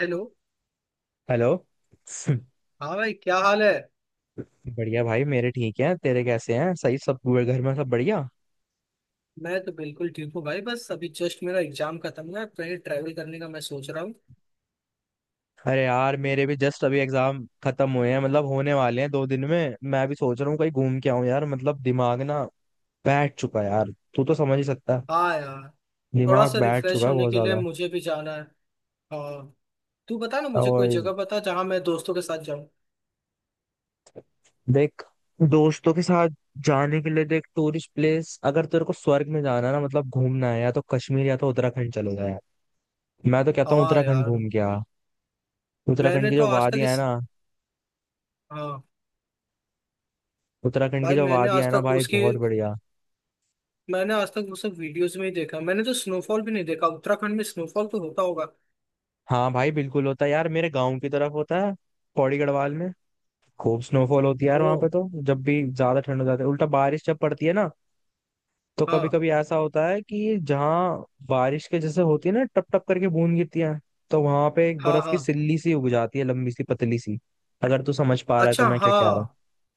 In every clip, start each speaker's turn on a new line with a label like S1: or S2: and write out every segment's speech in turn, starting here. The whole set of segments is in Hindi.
S1: हेलो।
S2: हेलो
S1: हाँ भाई, क्या हाल है?
S2: बढ़िया भाई मेरे ठीक हैं, तेरे कैसे हैं? सही? सब हुए घर में सब बढ़िया?
S1: मैं तो बिल्कुल ठीक हूँ भाई, बस अभी जस्ट मेरा एग्जाम खत्म हुआ है, कहीं ट्रैवल करने का मैं सोच रहा हूँ।
S2: अरे यार मेरे भी जस्ट अभी एग्जाम खत्म हुए हैं, मतलब होने वाले हैं 2 दिन में। मैं भी सोच रहा हूँ कहीं घूम के आऊं यार, मतलब दिमाग ना बैठ चुका है यार। तू तो समझ ही सकता है,
S1: हाँ यार। थोड़ा
S2: दिमाग
S1: सा
S2: बैठ चुका
S1: रिफ्रेश
S2: है
S1: होने
S2: बहुत
S1: के लिए
S2: ज्यादा।
S1: मुझे भी जाना है। हाँ। तू बता ना, मुझे कोई
S2: और
S1: जगह बता जहाँ मैं दोस्तों के साथ जाऊँ।
S2: देख, दोस्तों के साथ जाने के लिए देख टूरिस्ट प्लेस, अगर तेरे को स्वर्ग में जाना है ना मतलब घूमना है, या तो कश्मीर या तो उत्तराखंड चले जाए। मैं तो कहता हूँ
S1: हाँ
S2: उत्तराखंड
S1: यार।
S2: घूम के आ। उत्तराखंड
S1: मैंने
S2: की
S1: तो
S2: जो
S1: आज तक
S2: वादियां है
S1: इस
S2: ना,
S1: हाँ।
S2: उत्तराखंड की
S1: भाई,
S2: जो वादियां है ना भाई बहुत बढ़िया।
S1: मैंने आज तक वो सब वीडियोस में ही देखा। मैंने तो स्नोफॉल भी नहीं देखा, उत्तराखंड में स्नोफॉल तो होता होगा।
S2: हाँ भाई बिल्कुल होता है यार, मेरे गांव की तरफ होता है, पौड़ी गढ़वाल में। खूब स्नोफॉल होती है यार
S1: ओ
S2: वहां पे। तो जब भी ज्यादा ठंड हो जाती है उल्टा बारिश जब पड़ती है ना, तो कभी
S1: हाँ,
S2: कभी ऐसा होता है कि जहाँ बारिश के जैसे होती है ना, टप टप करके बूंद गिरती है, तो वहां पे एक
S1: हाँ,
S2: बर्फ की
S1: हाँ।
S2: सिल्ली सी उग जाती है, लंबी सी पतली सी। अगर तू समझ पा रहा है तो
S1: अच्छा,
S2: मैं क्या
S1: हाँ।
S2: कह रहा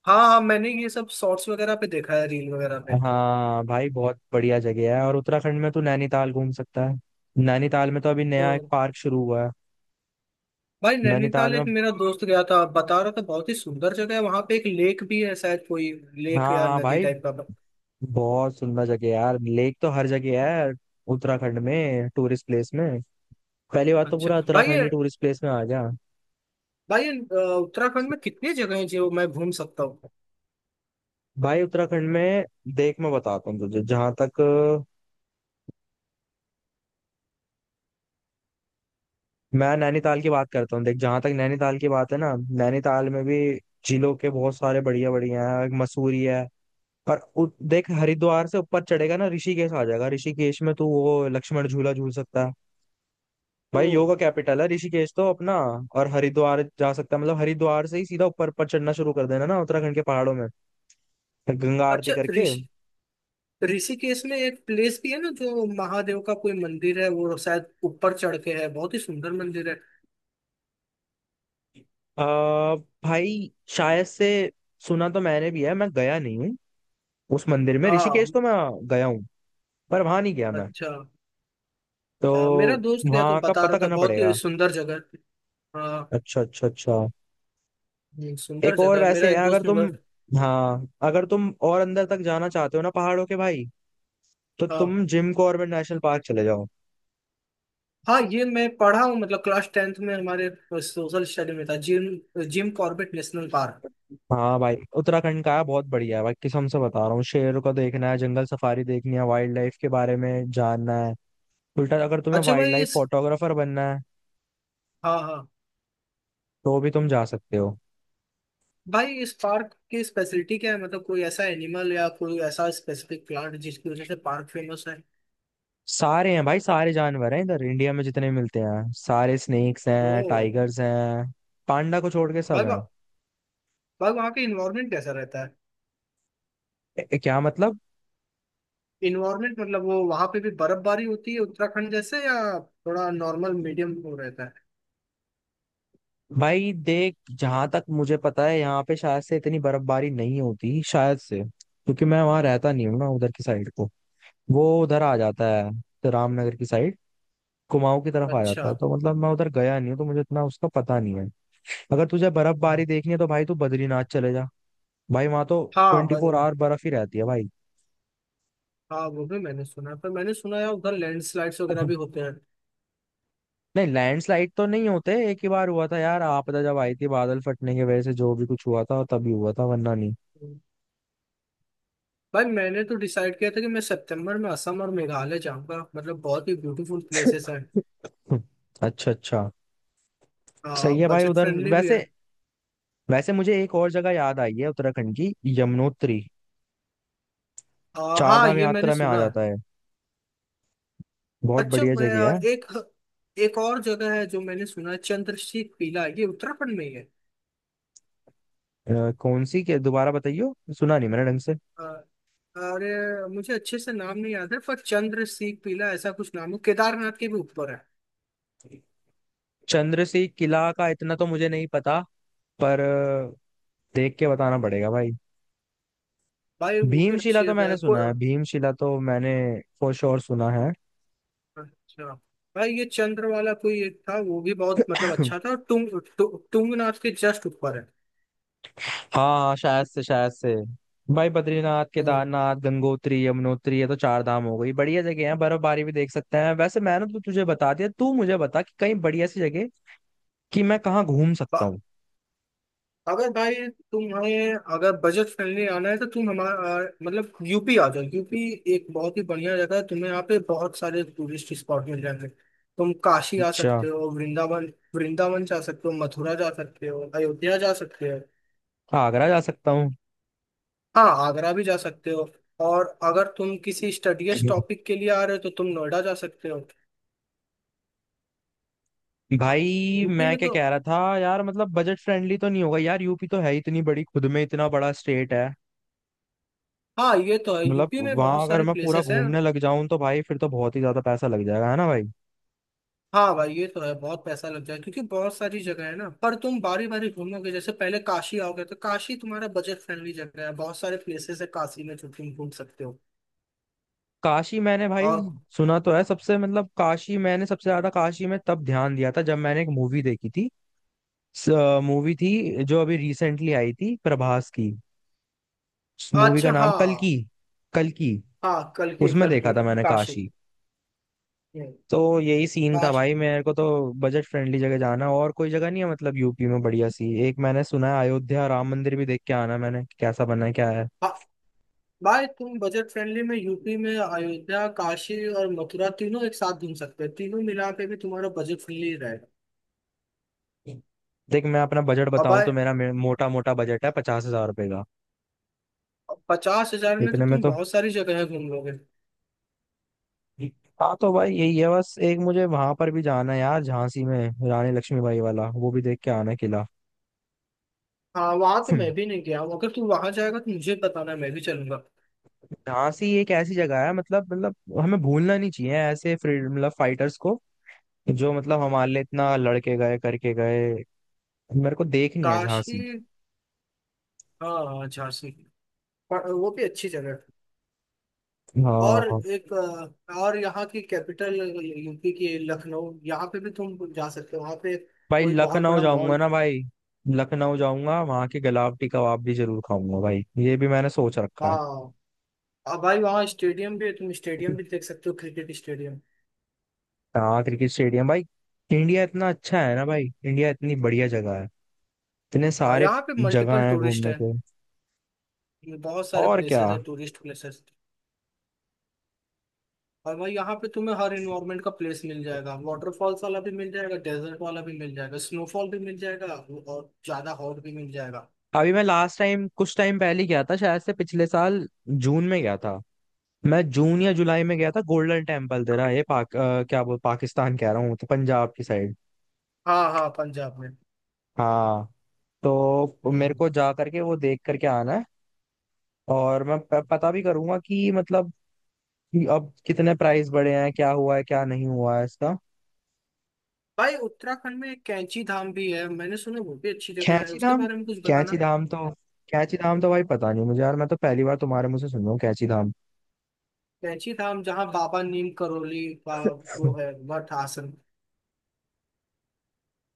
S1: हाँ हाँ, मैंने ये सब शॉर्ट्स वगैरह पे देखा है, रील वगैरह पे।
S2: हूँ। हाँ भाई बहुत बढ़िया जगह है। और उत्तराखंड में तू नैनीताल घूम सकता है। नैनीताल में तो अभी नया एक
S1: तो
S2: पार्क शुरू हुआ है।
S1: भाई,
S2: नैनीताल
S1: नैनीताल एक
S2: में?
S1: मेरा दोस्त गया था, बता रहा था बहुत ही सुंदर जगह है, वहां पे एक लेक भी है शायद, कोई लेक
S2: हाँ
S1: या
S2: हाँ
S1: नदी
S2: भाई,
S1: टाइप का।
S2: बहुत सुंदर जगह है यार। लेक तो हर जगह है यार उत्तराखंड में, टूरिस्ट प्लेस में। पहली बात तो
S1: अच्छा।
S2: पूरा उत्तराखंड ही टूरिस्ट प्लेस में आ गया।
S1: भाई ये, अ, उत्तराखंड में कितनी जगह है जो मैं घूम सकता हूँ?
S2: भाई उत्तराखंड में देख मैं बताता हूँ तुझे, जहां तक मैं नैनीताल की बात करता हूँ। देख जहां तक नैनीताल की बात है ना, नैनीताल में भी जिलों के बहुत सारे बढ़िया बढ़िया है, मसूरी है। पर देख हरिद्वार से ऊपर चढ़ेगा ना ऋषिकेश आ जाएगा। ऋषिकेश में तू वो लक्ष्मण झूला झूल सकता है।
S1: ओ।
S2: भाई योगा कैपिटल है ऋषिकेश तो अपना। और हरिद्वार जा सकता है, मतलब हरिद्वार से ही सीधा ऊपर पर चढ़ना शुरू कर देना ना उत्तराखंड के पहाड़ों में, गंगा आरती
S1: अच्छा,
S2: करके।
S1: ऋषिकेश में एक प्लेस भी है ना जो महादेव का कोई मंदिर है, वो शायद ऊपर चढ़ के है, बहुत ही सुंदर मंदिर है।
S2: आ, भाई शायद से सुना तो मैंने भी है, मैं गया नहीं हूँ उस मंदिर में। ऋषिकेश
S1: हाँ।
S2: तो मैं गया हूँ, पर वहां नहीं गया मैं।
S1: अच्छा।
S2: तो
S1: हाँ, मेरा दोस्त गया तो
S2: वहां का
S1: बता
S2: पता
S1: रहा था
S2: करना
S1: बहुत ही
S2: पड़ेगा।
S1: सुंदर जगह है। हाँ।
S2: अच्छा अच्छा अच्छा।
S1: सुंदर
S2: एक और
S1: जगह है, मेरा
S2: वैसे
S1: एक
S2: है, अगर
S1: दोस्त
S2: तुम,
S1: मतलब।
S2: हाँ अगर तुम और अंदर तक जाना चाहते हो ना पहाड़ों के भाई, तो
S1: हाँ
S2: तुम जिम कॉर्बेट नेशनल पार्क चले जाओ।
S1: हाँ, ये मैं पढ़ा हूँ, मतलब क्लास टेंथ में हमारे सोशल स्टडी में था, Jim Jim Corbett National Park.
S2: हाँ भाई उत्तराखंड का है, बहुत बढ़िया है भाई, कसम से बता रहा हूँ। शेर को देखना है, जंगल सफारी देखनी है, वाइल्ड लाइफ के बारे में जानना है, उल्टा अगर तुम्हें
S1: अच्छा
S2: वाइल्ड
S1: भाई
S2: लाइफ
S1: इस
S2: फोटोग्राफर बनना है
S1: हाँ हाँ,
S2: तो भी तुम जा सकते हो।
S1: भाई इस पार्क की स्पेशलिटी क्या है? मतलब कोई ऐसा एनिमल या कोई ऐसा स्पेसिफिक प्लांट जिसकी वजह से पार्क फेमस है?
S2: सारे हैं भाई, सारे जानवर हैं इधर इंडिया में जितने मिलते हैं सारे। स्नेक्स हैं,
S1: तो
S2: टाइगर्स हैं, पांडा को छोड़ के सब
S1: भाई
S2: हैं।
S1: वहाँ- भाई वहाँ का इन्वायरमेंट कैसा रहता है?
S2: क्या मतलब?
S1: इन्वायरमेंट मतलब, वो वहाँ पे भी बर्फबारी होती है उत्तराखंड जैसे, या थोड़ा नॉर्मल मीडियम वो रहता है?
S2: भाई देख, जहां तक मुझे पता है यहाँ पे शायद से इतनी बर्फबारी नहीं होती शायद से, क्योंकि मैं वहां रहता नहीं हूँ ना उधर की साइड को। वो उधर आ जाता है, तो रामनगर की साइड, कुमाऊं की तरफ आ
S1: अच्छा।
S2: जाता है, तो मतलब मैं उधर गया नहीं हूँ तो मुझे इतना उसका पता नहीं है। अगर तुझे बर्फबारी
S1: हम्म।
S2: देखनी है तो भाई तू बद्रीनाथ चले जा। भाई वहां तो
S1: हाँ।
S2: 24 आवर बर्फ ही रहती है भाई।
S1: हाँ, वो भी मैंने सुना है, पर मैंने सुना है उधर लैंडस्लाइड्स वगैरह भी होते हैं।
S2: नहीं लैंडस्लाइड तो नहीं होते, एक ही बार हुआ था यार आपदा जब आई थी, बादल फटने की वजह से जो भी कुछ हुआ था तभी हुआ था, वरना नहीं।
S1: हम्म। भाई मैंने तो डिसाइड किया था कि मैं सितंबर में असम और मेघालय जाऊंगा, मतलब बहुत ही ब्यूटीफुल प्लेसेस हैं,
S2: अच्छा अच्छा, सही है भाई
S1: बजट
S2: उधर
S1: फ्रेंडली भी है।
S2: वैसे। वैसे मुझे एक और जगह याद आई है उत्तराखंड की, यमुनोत्री। चार
S1: हाँ
S2: धाम
S1: ये मैंने
S2: यात्रा में आ
S1: सुना है।
S2: जाता है, बहुत
S1: अच्छा।
S2: बढ़िया
S1: मैं
S2: जगह
S1: आ,
S2: है।
S1: एक एक और जगह है जो मैंने सुना है, चंद्रशीख पीला, ये उत्तराखंड में ही है।
S2: कौन सी के दोबारा बताइयो, सुना नहीं मैंने ढंग से।
S1: आ, अरे, मुझे अच्छे से नाम नहीं याद है, पर चंद्रशीख पीला ऐसा कुछ नाम है, केदारनाथ के भी ऊपर है।
S2: चंद्रसेन किला का इतना तो मुझे नहीं पता, पर देख के बताना पड़ेगा भाई।
S1: भाई वो भी
S2: भीमशिला
S1: अच्छी
S2: तो
S1: जगह है
S2: मैंने सुना है, भीमशिला तो मैंने फॉर श्योर सुना है।
S1: अच्छा भाई, ये चंद्र वाला कोई एक था, वो भी बहुत मतलब अच्छा था, तुंग, तु, तुंगनाथ के जस्ट ऊपर है।
S2: हाँ हाँ, शायद से शायद से। भाई बद्रीनाथ,
S1: हम्म।
S2: केदारनाथ, गंगोत्री, यमुनोत्री, ये तो चार धाम हो गई। बढ़िया जगह है, बर्फबारी भी देख सकते हैं। वैसे मैंने तो तुझे बता दिया, तू मुझे बता कि कहीं बढ़िया सी जगह, कि मैं कहाँ घूम
S1: ब-
S2: सकता हूँ।
S1: अगर भाई तुम्हें, अगर बजट फ्रेंडली आना है तो तुम हमारा मतलब यूपी आ जाओ। यूपी एक बहुत ही बढ़िया जगह है, तुम्हें यहाँ पे बहुत सारे टूरिस्ट स्पॉट मिल जाएंगे, तुम काशी आ
S2: अच्छा,
S1: सकते हो, वृंदावन वृंदावन जा सकते हो, मथुरा जा सकते हो, अयोध्या जा सकते हो।
S2: आगरा जा सकता हूँ?
S1: हाँ, आगरा भी जा सकते हो। और अगर तुम किसी स्टडीज टॉपिक के लिए आ रहे हो तो तुम नोएडा जा सकते हो। हाँ।
S2: भाई
S1: यूपी
S2: मैं
S1: में
S2: क्या
S1: तो
S2: कह रहा था यार, मतलब बजट फ्रेंडली तो नहीं होगा यार। यूपी तो है ही इतनी बड़ी, खुद में इतना बड़ा स्टेट है।
S1: हाँ ये तो है,
S2: मतलब
S1: यूपी में बहुत
S2: वहां अगर
S1: सारी
S2: मैं पूरा
S1: प्लेसेस हैं।
S2: घूमने लग जाऊं तो भाई फिर तो बहुत ही ज्यादा पैसा लग जाएगा, है ना भाई।
S1: हाँ भाई, ये तो है, बहुत पैसा लग जाए क्योंकि बहुत सारी जगह है ना, पर तुम बारी बारी घूमोगे, जैसे पहले काशी आओगे तो काशी तुम्हारा बजट फ्रेंडली जगह है, बहुत सारे प्लेसेस है काशी में जो तुम घूम सकते हो।
S2: काशी मैंने भाई
S1: और।
S2: सुना तो है सबसे, मतलब काशी मैंने सबसे ज्यादा काशी में तब ध्यान दिया था जब मैंने एक मूवी देखी थी। मूवी थी जो अभी रिसेंटली आई थी प्रभास की, मूवी का
S1: अच्छा।
S2: नाम
S1: हाँ,
S2: कल्कि, कल्कि।
S1: हाँ कल्कि,
S2: उसमें देखा
S1: कल्कि।
S2: था मैंने
S1: काशी।
S2: काशी।
S1: हम्म,
S2: तो यही सीन था
S1: काशी।
S2: भाई मेरे को तो, बजट फ्रेंडली जगह जाना। और कोई जगह नहीं है मतलब यूपी में बढ़िया सी? एक मैंने सुना है अयोध्या राम मंदिर, भी देख के आना मैंने कैसा बना है क्या है।
S1: हाँ भाई, तुम बजट फ्रेंडली में यूपी में अयोध्या, काशी और मथुरा तीनों एक साथ घूम सकते हो, तीनों मिला के भी तुम्हारा बजट फ्रेंडली रहेगा।
S2: देख मैं अपना बजट
S1: और
S2: बताऊं
S1: भाई,
S2: तो मेरा मोटा मोटा बजट है 50,000 रुपए का।
S1: 50,000 में तो
S2: इतने में
S1: तुम
S2: तो,
S1: बहुत सारी जगह घूम लोगे।
S2: हाँ तो भाई यही है। बस एक मुझे वहां पर भी जाना है यार, झांसी में रानी लक्ष्मीबाई वाला वो भी देख के आना किला।
S1: हाँ, वहां तो मैं
S2: हम्म।
S1: भी नहीं गया हूँ, अगर तू वहां जाएगा तो मुझे बताना, मैं भी चलूंगा।
S2: झांसी एक ऐसी जगह है मतलब हमें भूलना नहीं चाहिए ऐसे फ्रीडम मतलब फाइटर्स को, जो मतलब हमारे लिए इतना लड़के गए करके गए। मेरे को देखनी है
S1: काशी।
S2: झांसी।
S1: हाँ, झांसी। पर वो भी अच्छी जगह है। और
S2: हाँ।
S1: एक और, यहाँ की कैपिटल, यूपी की लखनऊ, यहाँ पे भी तुम जा सकते हो, वहाँ पे
S2: भाई
S1: कोई बहुत
S2: लखनऊ
S1: बड़ा
S2: जाऊंगा
S1: मॉल।
S2: ना भाई, लखनऊ जाऊंगा वहां के गलावटी कबाब भी जरूर खाऊंगा भाई, ये भी मैंने सोच रखा है।
S1: हाँ। अब भाई, वहाँ स्टेडियम भी है, तुम स्टेडियम भी देख सकते हो, क्रिकेट स्टेडियम।
S2: हाँ क्रिकेट स्टेडियम भाई। इंडिया इतना अच्छा है ना भाई, इंडिया इतनी बढ़िया जगह है, इतने
S1: हाँ,
S2: सारे
S1: यहाँ पे
S2: जगह
S1: मल्टीपल
S2: है
S1: टूरिस्ट
S2: घूमने
S1: है,
S2: को।
S1: बहुत सारे
S2: और क्या।
S1: प्लेसेस है, टूरिस्ट प्लेसेस। और भाई, यहाँ पे तुम्हें हर इन्वायरमेंट का प्लेस मिल जाएगा, वाटरफॉल्स वाला भी मिल जाएगा, डेजर्ट वाला भी मिल जाएगा, स्नोफॉल भी मिल जाएगा और ज्यादा हॉट भी मिल जाएगा।
S2: अभी मैं लास्ट टाइम कुछ टाइम पहले ही गया था, शायद से पिछले साल जून में गया था, मैं जून या जुलाई में गया था, गोल्डन टेम्पल। तेरा ये क्या बोल, पाकिस्तान कह रहा हूँ तो, पंजाब की साइड।
S1: हाँ हाँ, पंजाब में।
S2: हाँ, तो मेरे
S1: हम्म।
S2: को जा करके वो देख करके आना है। और मैं पता भी करूंगा कि मतलब, कि अब कितने प्राइस बढ़े हैं, क्या हुआ है क्या नहीं हुआ है इसका।
S1: भाई, उत्तराखंड में एक कैंची धाम भी है मैंने सुना, वो भी अच्छी जगह है,
S2: कैंची
S1: उसके
S2: धाम?
S1: बारे में कुछ
S2: कैंची
S1: बताना।
S2: धाम तो कैंची धाम तो भाई पता नहीं मुझे यार, मैं तो पहली बार तुम्हारे मुंह से सुन रहा हूँ कैंची धाम।
S1: कैंची धाम जहाँ बाबा नीम करोली का वो है, मठ आसन।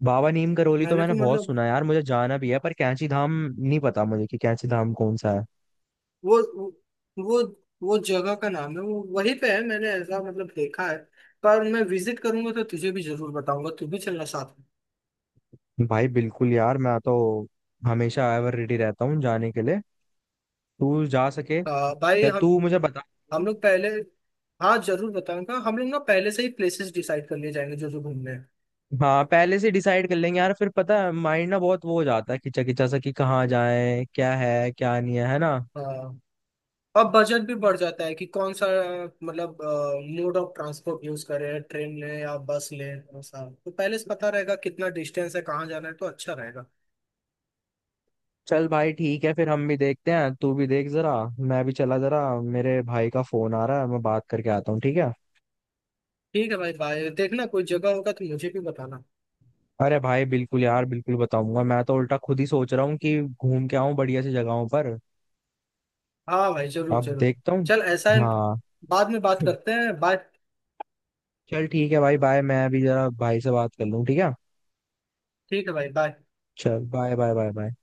S2: बाबा नीम करोली तो
S1: मैंने
S2: मैंने
S1: तो
S2: बहुत
S1: मतलब,
S2: सुना है यार, मुझे जाना भी है, पर कैंची धाम नहीं पता मुझे कि कैंची धाम कौन सा है।
S1: वो वो वो जगह का नाम है, वो वहीं पे है, मैंने ऐसा मतलब देखा है, पर मैं विजिट करूंगा तो तुझे भी जरूर बताऊंगा, तू भी चलना साथ।
S2: भाई बिल्कुल यार, मैं तो हमेशा एवर रेडी रहता हूँ जाने के लिए। तू जा सके
S1: भाई,
S2: या तू मुझे बता।
S1: हम लोग पहले हाँ, जरूर बताऊंगा, हम लोग ना पहले से ही प्लेसेस डिसाइड कर लिए जाएंगे जो जो घूमने हैं।
S2: हाँ पहले से डिसाइड कर लेंगे यार, फिर पता है माइंड ना बहुत वो हो जाता है खिंचा खिंचा सा, कि कहाँ जाए क्या है क्या नहीं है, है ना।
S1: हाँ। अब बजट भी बढ़ जाता है कि कौन सा, मतलब मोड ऑफ ट्रांसपोर्ट यूज करें, ट्रेन लें या बस लें, कौन सा तो पहले से पता रहेगा, कितना डिस्टेंस है, कहाँ जाना है, तो अच्छा रहेगा।
S2: चल भाई ठीक है, फिर हम भी देखते हैं तू भी देख जरा। मैं भी चला जरा, मेरे भाई का फोन आ रहा है, मैं बात करके आता हूँ ठीक है।
S1: ठीक है भाई, भाई देखना, कोई जगह होगा तो मुझे भी बताना।
S2: अरे भाई बिल्कुल यार, बिल्कुल बताऊंगा, मैं तो उल्टा खुद ही सोच रहा हूँ कि घूम के आऊँ बढ़िया सी जगहों पर।
S1: हाँ भाई, जरूर
S2: अब
S1: जरूर।
S2: देखता हूँ।
S1: चल, ऐसा है,
S2: हाँ।
S1: बाद में बात करते हैं, बाय।
S2: चल ठीक है भाई, बाय। मैं अभी जरा भाई से बात कर लूँ ठीक है।
S1: ठीक है भाई, बाय।
S2: चल बाय बाय बाय बाय।